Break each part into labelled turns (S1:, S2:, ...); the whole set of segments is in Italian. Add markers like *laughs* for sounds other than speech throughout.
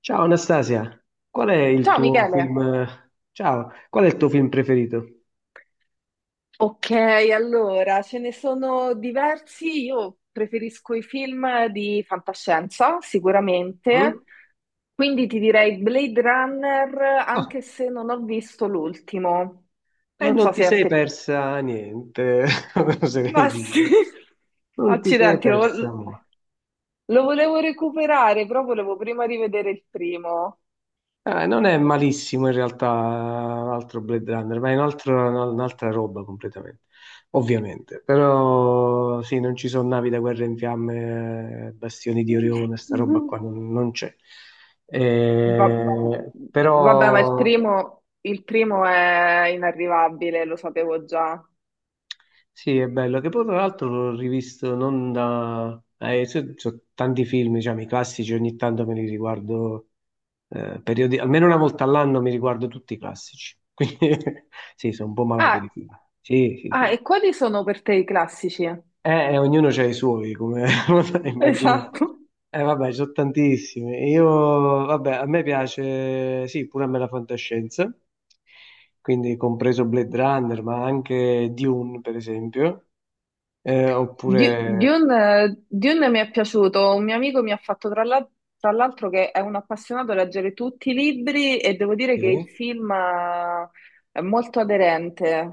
S1: Ciao Anastasia, qual è il
S2: Ciao
S1: tuo
S2: Michele.
S1: film? Ciao, qual è il tuo film preferito?
S2: Ok, allora ce ne sono diversi. Io preferisco i film di fantascienza,
S1: Mm?
S2: sicuramente. Quindi ti direi Blade Runner,
S1: Ah,
S2: anche se non ho visto l'ultimo.
S1: e
S2: Non
S1: non
S2: so
S1: ti
S2: se a
S1: sei
S2: te.
S1: persa niente, *laughs* oserei
S2: Ma sì,
S1: dire.
S2: *laughs*
S1: Non ti sei
S2: accidenti,
S1: persa molto.
S2: lo volevo recuperare, però volevo prima rivedere il primo.
S1: Non è malissimo in realtà l'altro Blade Runner, ma è un'altra roba completamente, ovviamente. Però sì, non ci sono navi da guerra in fiamme, bastioni di Orione, sta roba
S2: *laughs*
S1: qua non c'è.
S2: Va- Vabbè, ma il
S1: Però
S2: primo, il primo è inarrivabile, lo sapevo già.
S1: sì, è bello, che poi tra l'altro l'ho rivisto non da. So tanti film, diciamo, i classici, ogni tanto me li riguardo, almeno una volta all'anno mi riguardo tutti i classici, *laughs* quindi sì, sono un po' malato di
S2: Ah,
S1: film. Sì, sì,
S2: ah,
S1: sì.
S2: e quali sono per te i classici? *laughs*
S1: Ognuno ha i suoi, come *laughs* potrai immaginare.
S2: Esatto.
S1: Vabbè, ci sono tantissimi. Io, vabbè, a me piace, sì, pure a me la fantascienza, quindi compreso Blade Runner, ma anche Dune, per esempio.
S2: Di-
S1: Oppure
S2: Dune, eh, Dune mi è piaciuto, un mio amico mi ha fatto tra l'altro che è un appassionato a leggere tutti i libri e devo dire che il
S1: eh,
S2: film è molto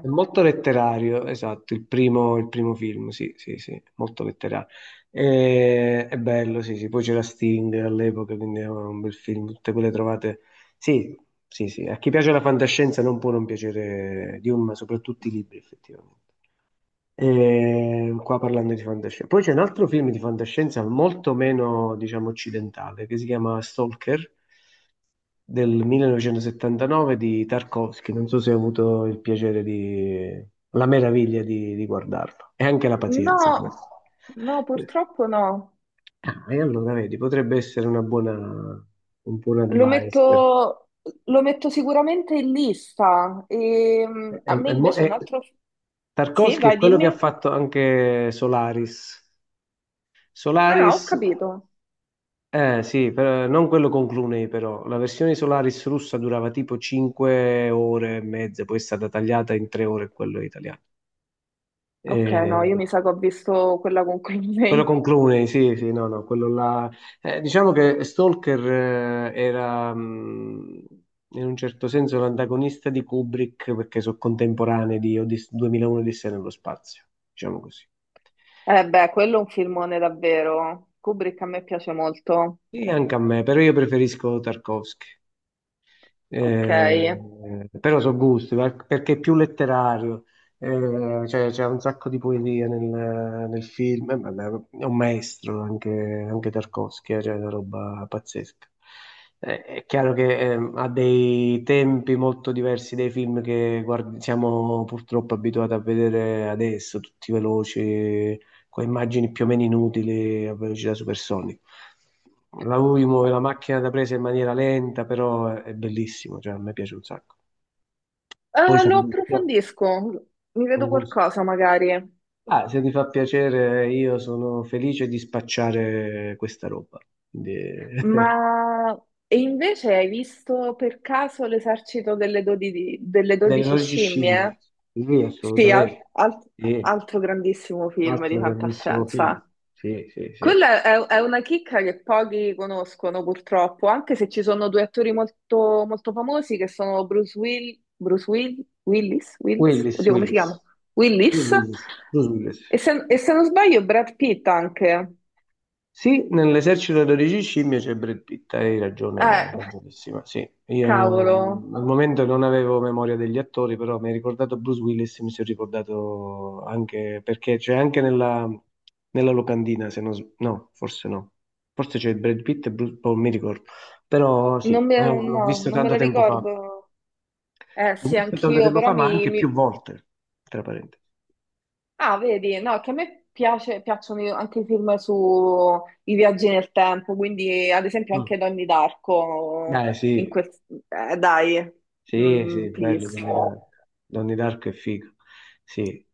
S1: è molto letterario, esatto, il primo film, sì, sì, sì, molto letterario. È bello, sì, sì, poi c'era Sting all'epoca, quindi era un bel film, tutte quelle trovate. Sì, sì, sì, a chi piace la fantascienza non può non piacere Dune, ma soprattutto i libri, effettivamente. E qua parlando di fantascienza. Poi c'è un altro film di fantascienza molto meno, diciamo, occidentale, che si chiama Stalker del 1979 di Tarkovsky. Non so se hai avuto il piacere di. La meraviglia di guardarlo e anche la
S2: No,
S1: pazienza, forse.
S2: no,
S1: Eh,
S2: purtroppo no.
S1: Ah, e allora, vedi, potrebbe essere una buona, un buon
S2: Lo
S1: advice.
S2: metto, lo metto sicuramente in lista. E,
S1: È-
S2: a me
S1: è mo-
S2: invece un
S1: è-
S2: altro. Sì,
S1: Tarkovsky è
S2: vai,
S1: quello che ha
S2: dimmi.
S1: fatto anche Solaris.
S2: Ah, ho
S1: Solaris.
S2: capito.
S1: Eh sì, non quello con Clooney però, la versione Solaris russa durava tipo 5 ore e mezza, poi è stata tagliata in 3 ore quello italiano.
S2: Ok, no, io
S1: Eh,
S2: mi sa che ho visto quella con
S1: Quello con
S2: Clooney. *laughs*
S1: Clooney, sì, sì, no, no, quello là. Diciamo che Stalker era in un certo senso l'antagonista di Kubrick perché sono contemporanei di 2001 Odissea nello spazio, diciamo così.
S2: Eh beh, quello è un filmone davvero. Kubrick a me piace molto.
S1: E anche a me, però io preferisco Tarkovsky.
S2: Ok. Eh,
S1: Però sono gusti, perché è più letterario, cioè, c'è un sacco di poesia nel film, vabbè, è un maestro anche Tarkovsky, cioè una roba pazzesca. È chiaro che ha dei tempi molto diversi dai film siamo purtroppo abituati a vedere adesso, tutti veloci, con immagini più o meno inutili a velocità supersonica. La UI muove la macchina da presa in maniera lenta, però è bellissimo, cioè a me piace un sacco. Poi sono
S2: lo
S1: gusti,
S2: approfondisco. Mi
S1: sono
S2: vedo
S1: gusti.
S2: qualcosa magari.
S1: Ah, se ti fa piacere, io sono felice di spacciare questa roba. Quindi, *laughs*
S2: Ma. E invece hai visto per caso l'esercito delle
S1: delle
S2: 12
S1: logiche scimmie.
S2: scimmie?
S1: Sì,
S2: Sì,
S1: assolutamente. Sì,
S2: altro grandissimo film di
S1: altro grandissimo film.
S2: fantascienza.
S1: Sì, sì, sì.
S2: Quella è una chicca che pochi conoscono purtroppo, anche se ci sono due attori molto, molto famosi che sono Willis, Wills?
S1: Willis,
S2: Oddio, come si chiama?
S1: Willis. Bruce
S2: Willis.
S1: Willis. Bruce Willis.
S2: E se non sbaglio Brad Pitt anche.
S1: Sì, nell'esercito 12 scimmie c'è Brad Pitt, hai
S2: Eh,
S1: ragione, ragionissima. Sì, io
S2: cavolo,
S1: al momento non avevo memoria degli attori, però mi hai ricordato Bruce Willis, mi sono ricordato anche perché c'è anche nella locandina, se non no, forse no. Forse c'è Brad Pitt e Bruce, oh, mi ricordo. Però sì,
S2: non me,
S1: l'ho
S2: no,
S1: visto
S2: non me
S1: tanto
S2: la
S1: tempo fa.
S2: ricordo. Eh
S1: L'ho
S2: sì,
S1: visto tanto
S2: anch'io,
S1: tempo
S2: però
S1: fa, ma
S2: mi,
S1: anche più
S2: mi-
S1: volte, tra parentesi.
S2: Ah, vedi, no, che a me piacciono anche i film sui viaggi nel tempo, quindi ad esempio anche
S1: Mm.
S2: Donnie Darko,
S1: Beh,
S2: in
S1: sì,
S2: quel. Dai,
S1: sì, sì,
S2: please.
S1: belli Donnie Dark. Donnie Dark è figo. Sì.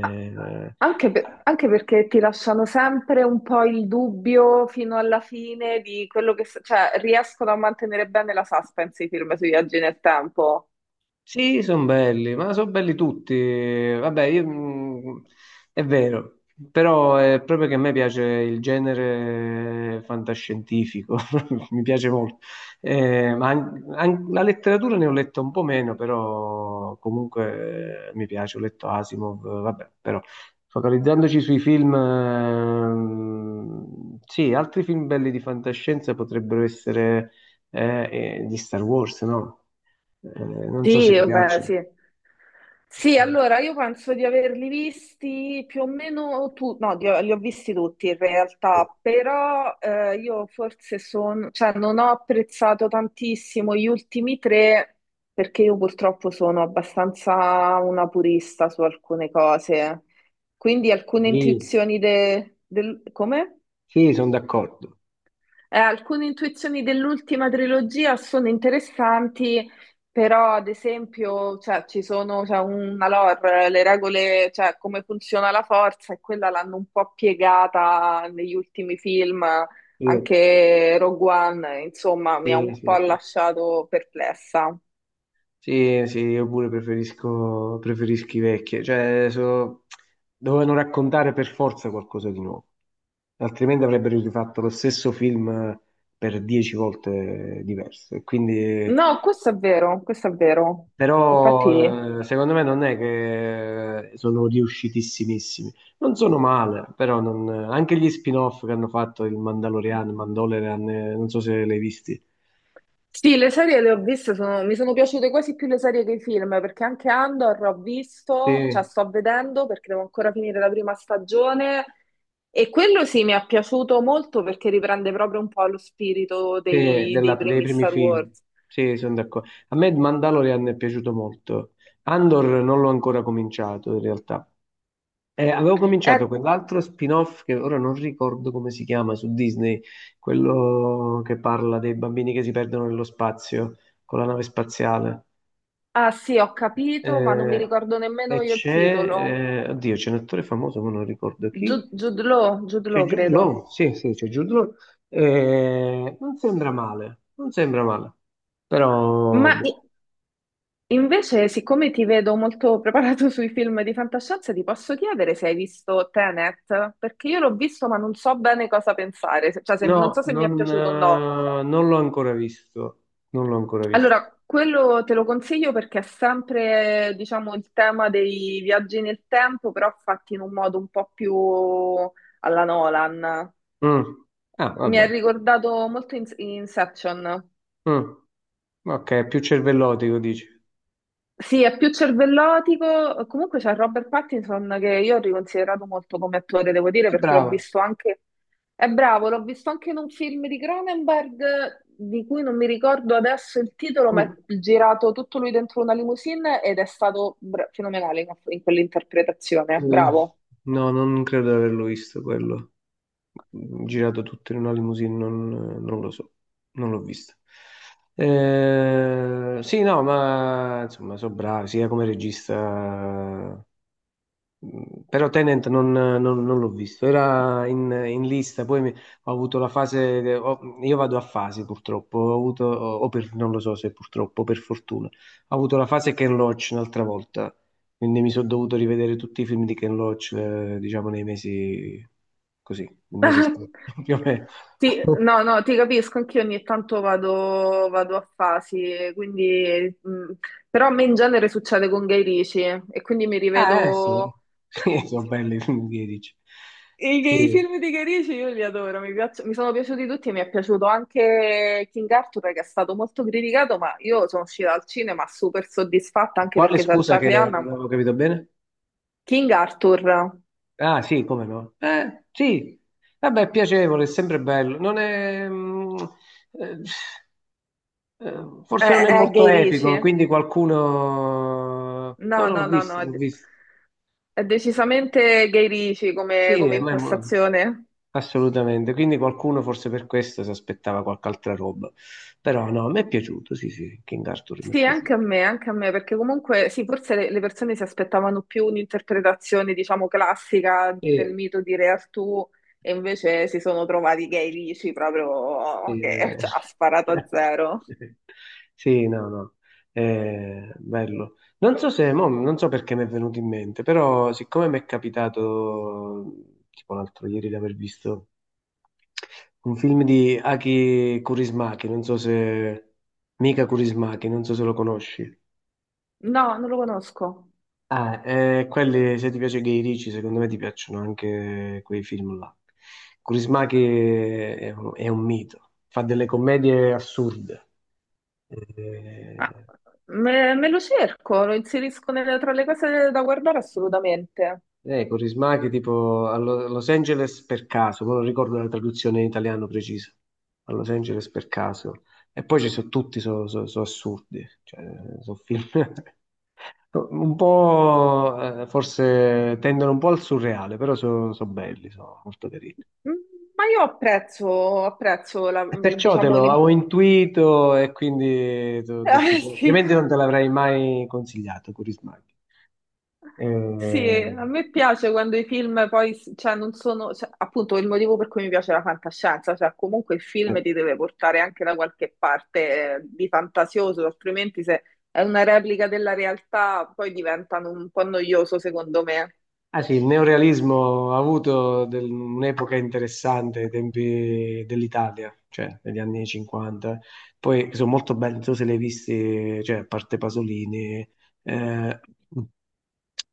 S2: Ah, anche perché ti lasciano sempre un po' il dubbio fino alla fine di quello che, cioè, riescono a mantenere bene la suspense i film sui viaggi nel tempo.
S1: sì, sono belli, ma sono belli tutti. Vabbè, io, è vero, però è proprio che a me piace il genere fantascientifico, *laughs* mi piace molto. Ma la letteratura ne ho letta un po' meno, però comunque mi piace, ho letto Asimov, vabbè, però focalizzandoci sui film, sì, altri film belli di fantascienza potrebbero essere eh, di Star Wars, no? Non so se ti
S2: Sì, beh,
S1: piacciono.
S2: sì. Sì, allora io penso di averli visti più o meno tutti, no, li ho visti tutti in realtà, però io forse sono, cioè non ho apprezzato tantissimo gli ultimi tre perché io purtroppo sono abbastanza una purista su alcune cose, quindi alcune
S1: Sì,
S2: intuizioni del. Come?
S1: sì, sono d'accordo.
S2: Alcune intuizioni dell'ultima trilogia sono interessanti, però ad esempio, cioè, ci sono, c'è una lore, le regole, cioè come funziona la forza, e quella l'hanno un po' piegata negli ultimi film,
S1: Sì,
S2: anche Rogue One, insomma, mi ha
S1: sì,
S2: un
S1: sì,
S2: po'
S1: sì.
S2: lasciato perplessa.
S1: Sì, sì, io pure preferisco i vecchi. Cioè, dovevano raccontare per forza qualcosa di nuovo, altrimenti avrebbero rifatto lo stesso film per 10 volte diverso. E quindi.
S2: No, questo è vero, questo è vero. Infatti.
S1: Però secondo me non è che sono riuscitissimissimi. Non sono male, però anche gli spin-off che hanno fatto il Mandalorian, non so se l'hai visti.
S2: Sì, le serie le ho viste, mi sono piaciute quasi più le serie che i film, perché anche Andor ho visto, cioè
S1: Sì,
S2: sto vedendo perché devo ancora finire la prima stagione e quello sì mi è piaciuto molto perché riprende proprio un po' lo spirito
S1: sì,
S2: dei, dei
S1: dei
S2: primi
S1: primi
S2: Star
S1: film.
S2: Wars.
S1: Sì, sono d'accordo. A me il Mandalorian è piaciuto molto. Andor non l'ho ancora cominciato in realtà. Avevo
S2: Eh,
S1: cominciato quell'altro spin-off che ora non ricordo come si chiama su Disney, quello che parla dei bambini che si perdono nello spazio con la nave spaziale.
S2: ah sì, ho capito, ma non mi
S1: Eh,
S2: ricordo nemmeno
S1: e
S2: io il
S1: c'è,
S2: titolo.
S1: oddio, c'è un attore famoso, ma non ricordo chi.
S2: Jude, Jude Law, Jude
S1: C'è
S2: Law,
S1: Jude
S2: credo.
S1: Law, sì, sì, c'è Jude Law. Non sembra male, non sembra male, però
S2: Ma i-
S1: boh.
S2: Invece, siccome ti vedo molto preparato *laughs* sui film di fantascienza, ti posso chiedere se hai visto Tenet? Perché io l'ho visto, ma non so bene cosa pensare, cioè non
S1: No,
S2: so se mi
S1: non,
S2: è piaciuto o no.
S1: eh, non l'ho ancora visto, non l'ho ancora visto.
S2: Allora, quello te lo consiglio perché è sempre, diciamo, il tema dei viaggi nel tempo, però fatti in un modo un po' più alla Nolan.
S1: Mm. Ah,
S2: Mi ha
S1: vabbè.
S2: ricordato molto Inception.
S1: Mm, ok, è più cervellotico, dici.
S2: Sì, è più cervellotico. Comunque c'è Robert Pattinson che io ho riconsiderato molto come attore, devo dire,
S1: È
S2: perché l'ho
S1: brava.
S2: visto anche. È bravo, l'ho visto anche in un film di Cronenberg di cui non mi ricordo adesso il titolo, ma è
S1: Mm,
S2: girato tutto lui dentro una limousine ed è stato fenomenale in quell'interpretazione.
S1: eh,
S2: Bravo.
S1: no, non credo di averlo visto quello. Girato tutto in una limousine, non lo so, non l'ho visto. Sì, no, ma insomma, sono bravi, sia come regista. Però Tenant non l'ho visto, era in lista, poi ho avuto la fase, io vado a fasi purtroppo, ho avuto, o per, non lo so se purtroppo, o per fortuna, ho avuto la fase Ken Loach un'altra volta, quindi mi sono dovuto rivedere tutti i film di Ken Loach, diciamo nei mesi, così, il mese scorso,
S2: *laughs*
S1: *laughs* più o meno.
S2: Sì, no, no, ti capisco, anch'io ogni tanto vado a fasi, quindi, però a me in genere succede con Guy Ritchie e quindi mi
S1: Ah, sì,
S2: rivedo
S1: *laughs* sì,
S2: *laughs*
S1: sono belli i film di Edici.
S2: i
S1: Sì.
S2: film di Guy Ritchie, io li adoro, mi sono piaciuti tutti e mi è piaciuto anche King Arthur che è stato molto criticato, ma io sono uscita al cinema super soddisfatta anche
S1: Quale
S2: perché c'è
S1: scusa che
S2: Charlie
S1: non
S2: Hunnam.
S1: avevo capito bene?
S2: King Arthur
S1: Ah, sì, come no? Sì, vabbè, è piacevole, è sempre bello. Non è, eh,
S2: è,
S1: forse non è
S2: è
S1: molto
S2: Guy
S1: epico,
S2: Ritchie?
S1: quindi qualcuno. No,
S2: No,
S1: non l'ho
S2: no, no,
S1: visto,
S2: no, è,
S1: l'ho
S2: de-
S1: visto.
S2: è decisamente Guy Ritchie come
S1: Sì,
S2: come
S1: ma è
S2: impostazione.
S1: assolutamente. Quindi qualcuno forse per questo si aspettava qualche altra roba. Però no, mi è piaciuto, sì, sì, King Arthur mi è
S2: Sì,
S1: piaciuto.
S2: anche a me, perché comunque sì, forse le persone si aspettavano più un'interpretazione, diciamo, classica del
S1: Sì.
S2: mito di Re Artù e invece si sono trovati gay lisci proprio
S1: Eh,
S2: che cioè, ha sparato a zero.
S1: *laughs* Sì, no, no, bello. Non so se, mo, non so perché mi è venuto in mente, però siccome mi è capitato, tipo l'altro ieri, di aver visto un film di Aki Kaurismäki, non so se. Mika Kaurismäki, non so se lo conosci.
S2: No, non lo conosco.
S1: Ah, quelli, se ti piace Guy Ritchie, secondo me ti piacciono anche quei film là. Kurismaki è un mito, fa delle commedie assurde.
S2: Ah,
S1: Eh,
S2: me lo cerco, lo inserisco tra le cose da guardare assolutamente.
S1: Corisma che tipo a Los Angeles per caso, ma non ricordo la traduzione in italiano precisa. A Los Angeles per caso. E poi ci sono tutti, sono assurdi, cioè, sono film *laughs* un po', forse tendono un po' al surreale, però sono belli, sono molto carini.
S2: Mm, Ma io apprezzo
S1: E perciò te
S2: diciamo,
S1: lo avevo
S2: l'importanza.
S1: intuito e quindi ti ho detto,
S2: *laughs*
S1: altrimenti non te l'avrei mai consigliato, Corisma. Eh,
S2: Sì, a me piace quando i film poi, cioè, non sono, cioè, appunto, il motivo per cui mi piace la fantascienza, cioè, comunque il
S1: eh.
S2: film ti deve portare anche da qualche parte, di fantasioso, altrimenti se è una replica della realtà, poi diventano un po' noioso, secondo me.
S1: Ah sì, il neorealismo ha avuto un'epoca interessante ai tempi dell'Italia, cioè negli anni 50. Poi sono molto belli, non so se li hai visti, cioè, a parte Pasolini, eh,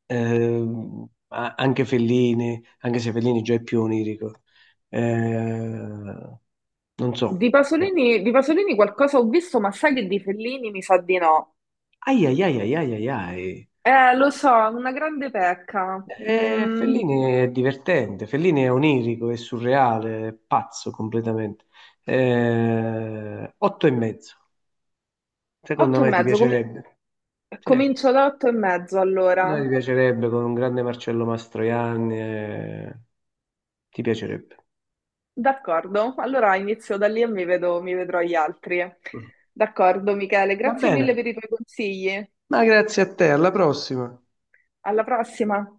S1: anche Fellini, anche se Fellini già è più onirico. Eh, Non so.
S2: Di Pasolini qualcosa ho visto, ma sai che di Fellini mi sa di no.
S1: Ai ai ai ai ai ai ai.
S2: Lo so, è una grande pecca. Mm,
S1: Fellini è divertente, Fellini è onirico, è surreale, è pazzo completamente. Otto e mezzo, secondo
S2: otto e
S1: me ti
S2: mezzo,
S1: piacerebbe. Sì,
S2: comincio da Otto e mezzo
S1: secondo me
S2: allora.
S1: ti piacerebbe con un grande Marcello Mastroianni, ti piacerebbe.
S2: D'accordo, allora inizio da lì e mi vedrò gli altri. D'accordo, Michele,
S1: Va
S2: grazie mille
S1: bene,
S2: per i tuoi consigli.
S1: ma grazie a te, alla prossima.
S2: Alla prossima.